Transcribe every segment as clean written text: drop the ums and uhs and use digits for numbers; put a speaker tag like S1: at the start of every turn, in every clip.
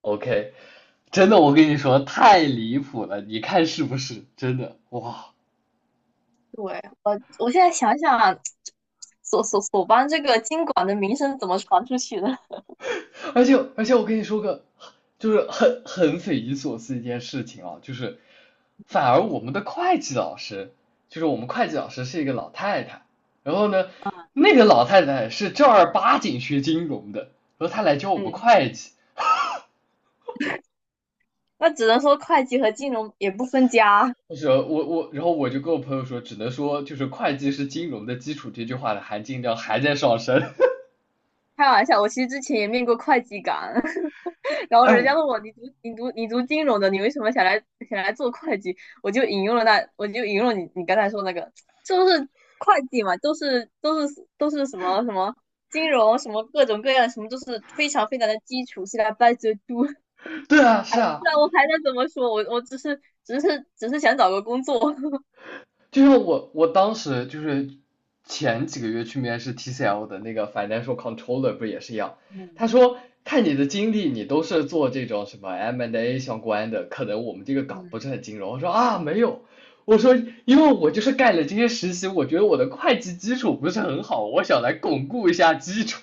S1: OK，真的，我跟你说太离谱了，你看是不是？真的，哇！
S2: 对，我现在想想，所所所邦这个经管的名声怎么传出去的？
S1: 而且我跟你说个，就是很匪夷所思一件事情啊，就是反而我们的会计老师，就是我们会计老师是一个老太太，然后呢，那个老太太是正儿八经学金融的，然后她来教我们
S2: 嗯，
S1: 会计。
S2: 那只能说会计和金融也不分家。
S1: 就是我，然后我就跟我朋友说，只能说就是会计是金融的基础这句话的含金量还在上升。
S2: 开玩笑，我其实之前也面过会计岗，然后
S1: 哎，
S2: 人
S1: 我
S2: 家问我你读金融的，你为什么想来做会计？我就引用了你刚才说那个，就是会计嘛，都是什么什么金融什么各种各样什么，都是非常的基础，是来 by the do。
S1: 对啊，
S2: 还
S1: 是啊，
S2: 那我还能怎么说？我只是想找个工作，
S1: 就像我当时就是前几个月去面试 TCL 的那个 financial controller 不也是一样，
S2: 嗯
S1: 他说看你的经历，你都是做这种什么 M&A and A 相关的，可能我们这个岗不是
S2: 嗯，
S1: 很金融。我说啊没有，我说因为我就是干了这些实习，我觉得我的会计基础不是很好，我想来巩固一下基础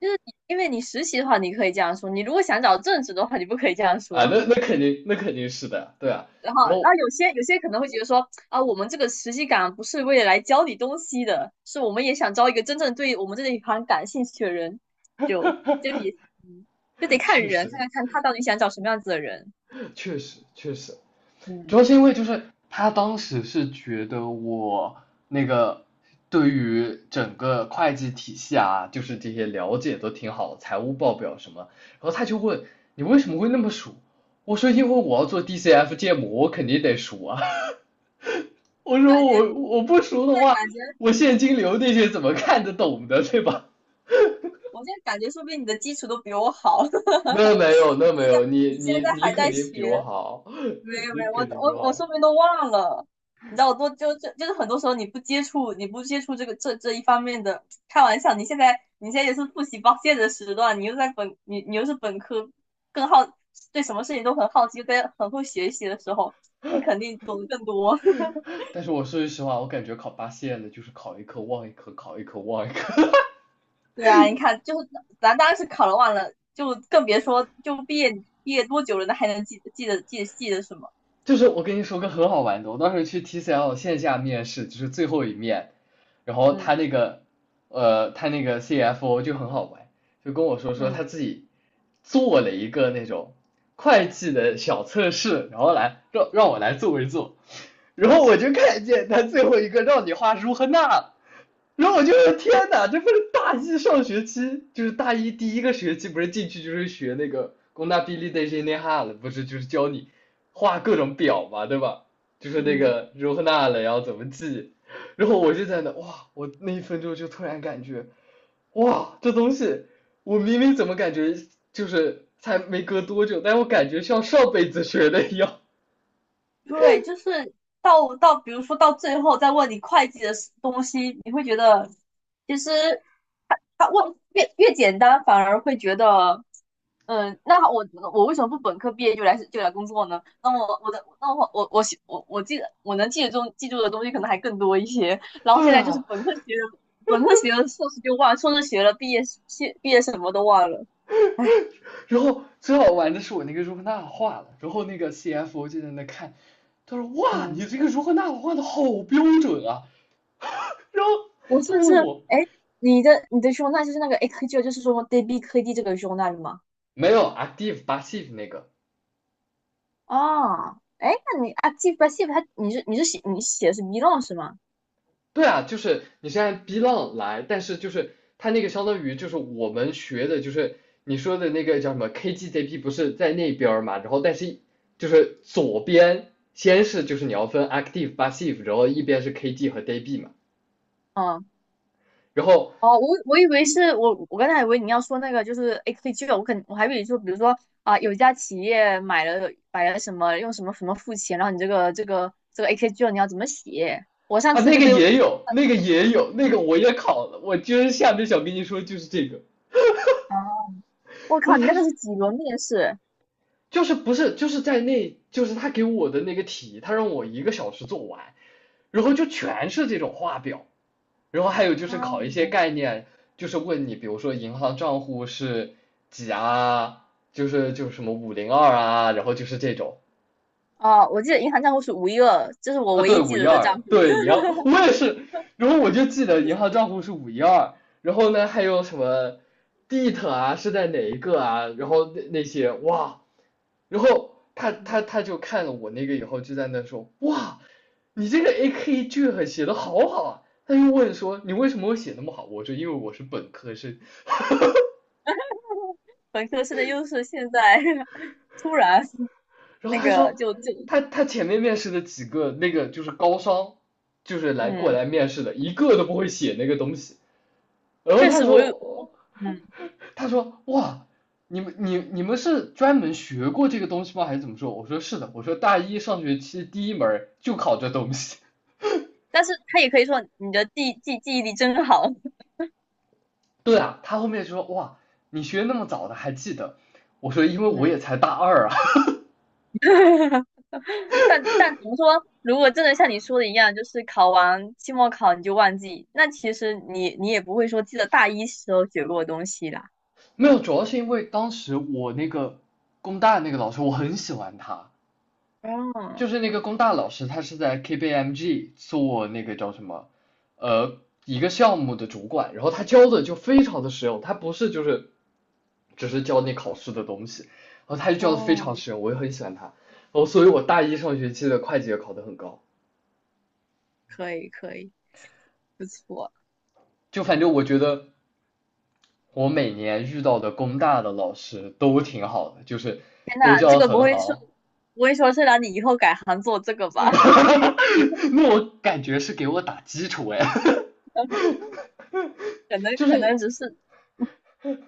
S2: 就是你因为你实习的话，你可以这样说；你如果想找正职的话，你不可以这样
S1: 啊，
S2: 说。
S1: 那 那肯定那肯定是的，对啊，
S2: 然后，
S1: 然后
S2: 然后有些可能会觉得说啊，我们这个实习岗不是为了来教你东西的，是我们也想招一个真正对我们这一行感兴趣的人，就就也嗯，就得看
S1: 确
S2: 人，看
S1: 实
S2: 看看他到底想找什么样子的人。
S1: 确实确实，主要
S2: 嗯，
S1: 是因为就是他当时是觉得我那个对于整个会计体系啊，就是这些了解都挺好，财务报表什么，然后他就问你为什么会那么熟？我说因为我要做 DCF 建模，我肯定得熟啊。我说
S2: 感觉
S1: 我
S2: 现
S1: 我不熟的
S2: 在
S1: 话，
S2: 感觉，
S1: 我现金流那些怎么看得懂的，对吧？
S2: 我现在感觉，说不定你的基础都比我好。
S1: 那没有，那没有，你
S2: 你现
S1: 你
S2: 在
S1: 你
S2: 还
S1: 肯
S2: 在
S1: 定比
S2: 学，
S1: 我好，
S2: 没 有
S1: 你
S2: 没有，我
S1: 肯定比我
S2: 我我
S1: 好。
S2: 说不定都忘了。你知道我多就是很多时候你不接触，你不接触这一方面的，开玩笑，你现在也是复习报线的时段，你又在本你你又是本科，更好，对什么事情都很好奇，又在很会学习的时候，你肯定懂得更多。
S1: 但是我说句实话，我感觉考八线的就是考一科忘一科，考一科忘一科。
S2: 对啊，你看，就是咱当时考了忘了，就更别说就毕业，毕业多久了，那还能记得什么？
S1: 就是我跟你说个很好玩的，我当时去 TCL 线下面试，就是最后一面，然后
S2: 嗯
S1: 他那个他那个 CFO 就很好玩，就跟我说
S2: 嗯
S1: 他自己做了一个那种会计的小测试，然后来让我来做一做，然后我就看见他最后一个让你画如何那。然后我就天哪，这不是大一上学期，就是大一第一个学期，不是进去就是学那个工大比例的这那哈了，不是就是教你画各种表嘛，对吧？就是那
S2: 嗯。
S1: 个如何那了，然后怎么记，然后我就在那哇，我那1分钟就突然感觉，哇，这东西我明明怎么感觉就是才没隔多久，但我感觉像上辈子学的一样。
S2: 对，就是到到，比如说到最后再问你会计的 东西，你会觉得其实他问越简单，反而会觉得，嗯，那我为什么不本科毕业就来工作呢？那我我的那我我我我我记得我能记得中记住的东西可能还更多一些。然后现
S1: 对
S2: 在就是
S1: 啊，
S2: 本科学了，本科学了硕士就忘了，硕士学了毕业，毕业什么都忘了，唉，
S1: 然后最好玩的是我那个如何纳瓦画了，然后那个 CFO 就在那看，他说哇，
S2: 嗯，
S1: 你这个如何纳瓦画的好标准啊，然后
S2: 我
S1: 他
S2: 甚至，
S1: 问我
S2: 哎，诶，你的胸大就是那个 A 科 g 就是说 DB 科 D 这个胸大的吗？
S1: 没有 active passive 那个，
S2: 哦，哎，那你啊，记吧，记吧，它你是你是写你写的是 belong 是吗？
S1: 对啊，就是你是按 B 浪来，但是就是他那个相当于就是我们学的就是你说的那个叫什么 KGCP 不是在那边嘛，然后但是就是左边先是就是你要分 active passive，然后一边是 KG 和 DB 嘛，
S2: 嗯，
S1: 然后
S2: 哦，我以为是我刚才以为你要说那个就是 AKG,我还以为说比如说啊，有一家企业买了什么，用什么什么付钱，然后你这个 AKG 你要怎么写？我上
S1: 啊，
S2: 次
S1: 那
S2: 就
S1: 个
S2: 被，哦，
S1: 也有，那个也有，那个我也考了，我今儿下面想跟你说就是这个。
S2: 我
S1: 然
S2: 靠，
S1: 后
S2: 你那
S1: 他
S2: 个是几轮面试？
S1: 就是不是就是在那就是他给我的那个题，他让我1个小时做完，然后就全是这种画表，然后还有就是考一
S2: 哦，
S1: 些概念，就是问你比如说银行账户是几啊，就是就是什么502啊，然后就是这种，
S2: 哦，我记得银行账户是五一二，这是我
S1: 啊，
S2: 唯
S1: 对，
S2: 一
S1: 五
S2: 记
S1: 一
S2: 得的账
S1: 二，
S2: 户。
S1: 对，银 行，我也是，然后我就记得银行账户是五一二，然后呢还有什么 d t e 啊是在哪一个啊，然后那那些哇，然后他他
S2: 嗯，
S1: 他就看了我那个以后就在那说，哇，你这个 AK 句很写的好好啊，他又问说你为什么会写那么好，我说因为我是本科生，
S2: 本科生的优势现在 突然
S1: 然后
S2: 那
S1: 他
S2: 个
S1: 说
S2: 就就
S1: 他前面面试的几个那个就是高商，就是来过
S2: 嗯。
S1: 来面试的，一个都不会写那个东西。然后
S2: 确
S1: 他
S2: 实我有，
S1: 说，
S2: 嗯，
S1: 他说哇，你们你们是专门学过这个东西吗？还是怎么说？我说是的，我说大一上学期第一门就考这东西。
S2: 但是他也可以说你的记忆力真好，
S1: 对啊，他后面就说哇，你学那么早的还记得？我说因为我也
S2: 嗯，
S1: 才大二啊，
S2: 但但怎么说？如果真的像你说的一样，就是考完期末考你就忘记，那其实你你也不会说记得大一时候学过的东西啦。
S1: 没有，主要是因为当时我那个工大那个老师我很喜欢他，
S2: 哦
S1: 就是那个工大老师，他是在 KPMG 做那个叫什么，呃，一个项目的主管，然后他教的就非常的实用，他不是就是只是教你考试的东西，然后他就教的非
S2: 哦，
S1: 常实用，我也很喜欢他，然后所以我大一上学期的会计也考得很高，
S2: 可以可以，不错。
S1: 就反正我觉得我每年遇到的工大的老师都挺好的，就是
S2: 天
S1: 都
S2: 呐，
S1: 教的很好，
S2: 不会说是让你以后改行做这个吧？
S1: 那我感觉是给我打基础哎，
S2: 可能
S1: 就
S2: 可能
S1: 是。
S2: 只是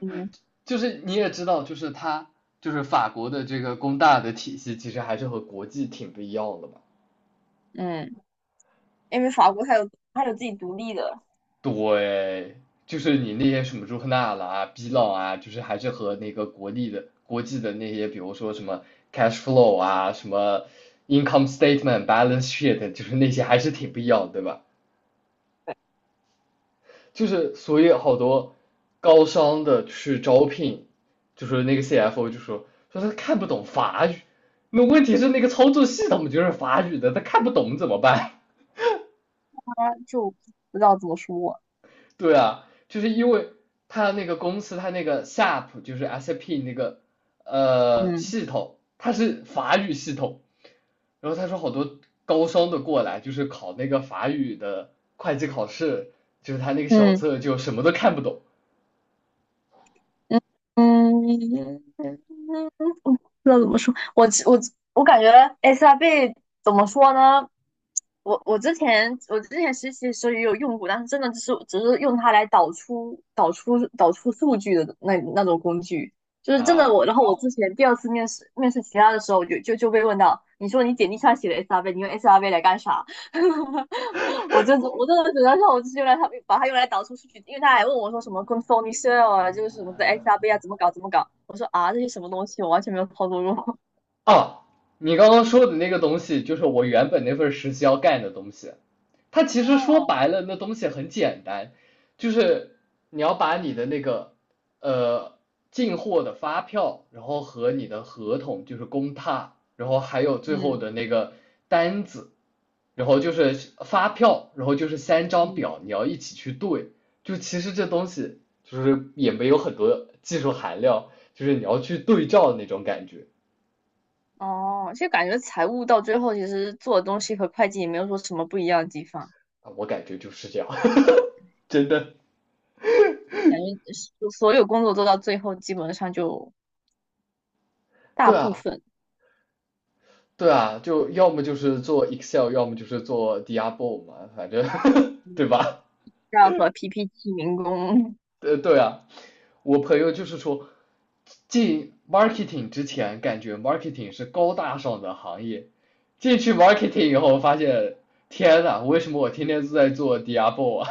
S2: 嗯
S1: 就是你也知道，就是它就是法国的这个工大的体系，其实还是和国际挺不一样的嘛。
S2: 嗯，因为法国它有，它有自己独立的，
S1: 对，就是你那些什么朱克纳了啊、比朗啊，就是还是和那个国立的国际的那些，比如说什么 cash flow 啊、什么 income statement、balance sheet，就是那些还是挺不一样的对吧？就是所以好多高商的去招聘，就是那个 CFO 就说他看不懂法语，那问题是那个操作系统就是法语的，他看不懂怎么办？
S2: 它就不知道怎么说。
S1: 对啊，就是因为他那个公司他那个 SAP 就是 SAP 那个
S2: 嗯
S1: 系统，它是法语系统，然后他说好多高商的过来就是考那个法语的会计考试，就是他那个小
S2: 嗯
S1: 册就什么都看不懂
S2: 嗯嗯，嗯，不知道怎么说。我我感觉 SRB 怎么说呢？我之前实习的时候也有用过，但是真的只是用它来导出数据的那种工具，就是真的
S1: 啊。
S2: 我。然后我之前第二次面试其他的时候就，被问到，你说你简历上写的 SRB,你用 SRB 来干啥？我就我真的只能说，我就是用来，它把它用来导出数据，因为他还问我说什么 c o n s r o l i s e l 啊，就是什么的 XRB 啊，怎么搞。我说啊，这些什么东西，我完全没有操作过。
S1: 哦，你刚刚说的那个东西，就是我原本那份实习要干的东西。它 其实说
S2: 哦，
S1: 白了，那东西很简单，就是你要把你的那个呃进货的发票，然后和你的合同，就是公踏，然后还有最后
S2: 嗯
S1: 的那个单子，然后就是发票，然后就是三张
S2: 嗯，
S1: 表，你要一起去对。就其实这东西就是也没有很多技术含量，就是你要去对照的那种感觉。
S2: 哦，其实感觉财务到最后其实做的东西和会计也没有说什么不一样的地方，
S1: 啊，我感觉就是这样，真的。
S2: 感觉所所有工作做到最后基本上就大
S1: 对
S2: 部
S1: 啊，
S2: 分，
S1: 对啊，就要么就是做 Excel，要么就是做 Diablo 嘛，反正 对
S2: 嗯，
S1: 吧？
S2: 要和 PPT 民工，
S1: 对啊，我朋友就是说，进 marketing 之前感觉 marketing 是高大上的行业，进去 marketing 以后发现，天呐，为什么我天天都在做 Diablo 啊？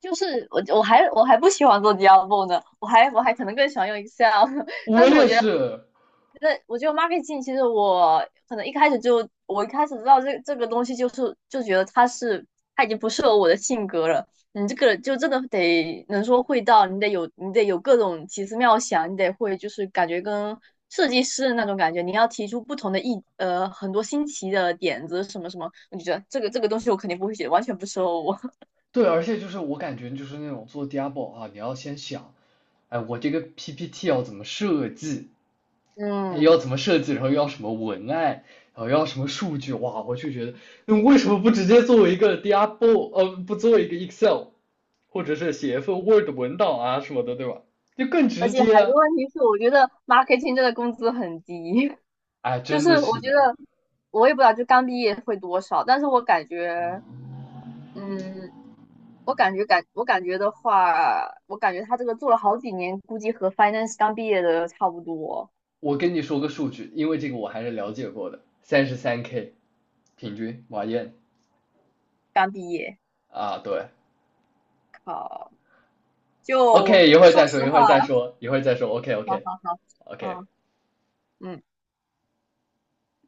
S2: 就是我还还不喜欢做 Diablo 呢，我还可能更喜欢用 Excel,但
S1: 我
S2: 是我
S1: 也
S2: 觉得。
S1: 是，
S2: 那我觉得 marketing 其实我可能一开始就，我一开始知道这个东西就是，就觉得它是，它已经不适合我的性格了。你这个就真的得能说会道，你得有各种奇思妙想，你得会，就是感觉跟设计师的那种感觉，你要提出不同的很多新奇的点子什么什么，我就觉得这个东西我肯定不会写，完全不适合我。
S1: 对，而且就是我感觉就是那种做 Diablo 啊，你要先想，哎，我这个 PPT 要怎么设计？哎要
S2: 嗯，
S1: 怎么设计，然后要什么文案，然后要什么数据，哇，我就觉得，那为什么不直接作为一个 d i a b o， 不做一个 Excel，或者是写一份 Word 文档啊什么的，对吧？就更
S2: 而
S1: 直
S2: 且
S1: 接
S2: 还有
S1: 啊！
S2: 个问题是，我觉得 marketing 这个工资很低，
S1: 哎，
S2: 就
S1: 真的
S2: 是我
S1: 是
S2: 觉
S1: 的，
S2: 得我也不知道，就刚毕业会多少，但是我感觉，嗯，我感觉感我感觉的话，我感觉他这个做了好几年，估计和 finance 刚毕业的差不多。
S1: 我跟你说个数据，因为这个我还是了解过的，33K 平均马燕
S2: 刚毕业，
S1: 啊，对
S2: 靠，就
S1: ，OK，一会儿
S2: 说
S1: 再说，
S2: 实
S1: 一
S2: 话，
S1: 会儿再说，一会儿再说，OK
S2: 好
S1: OK
S2: 好好，
S1: OK。
S2: 嗯嗯。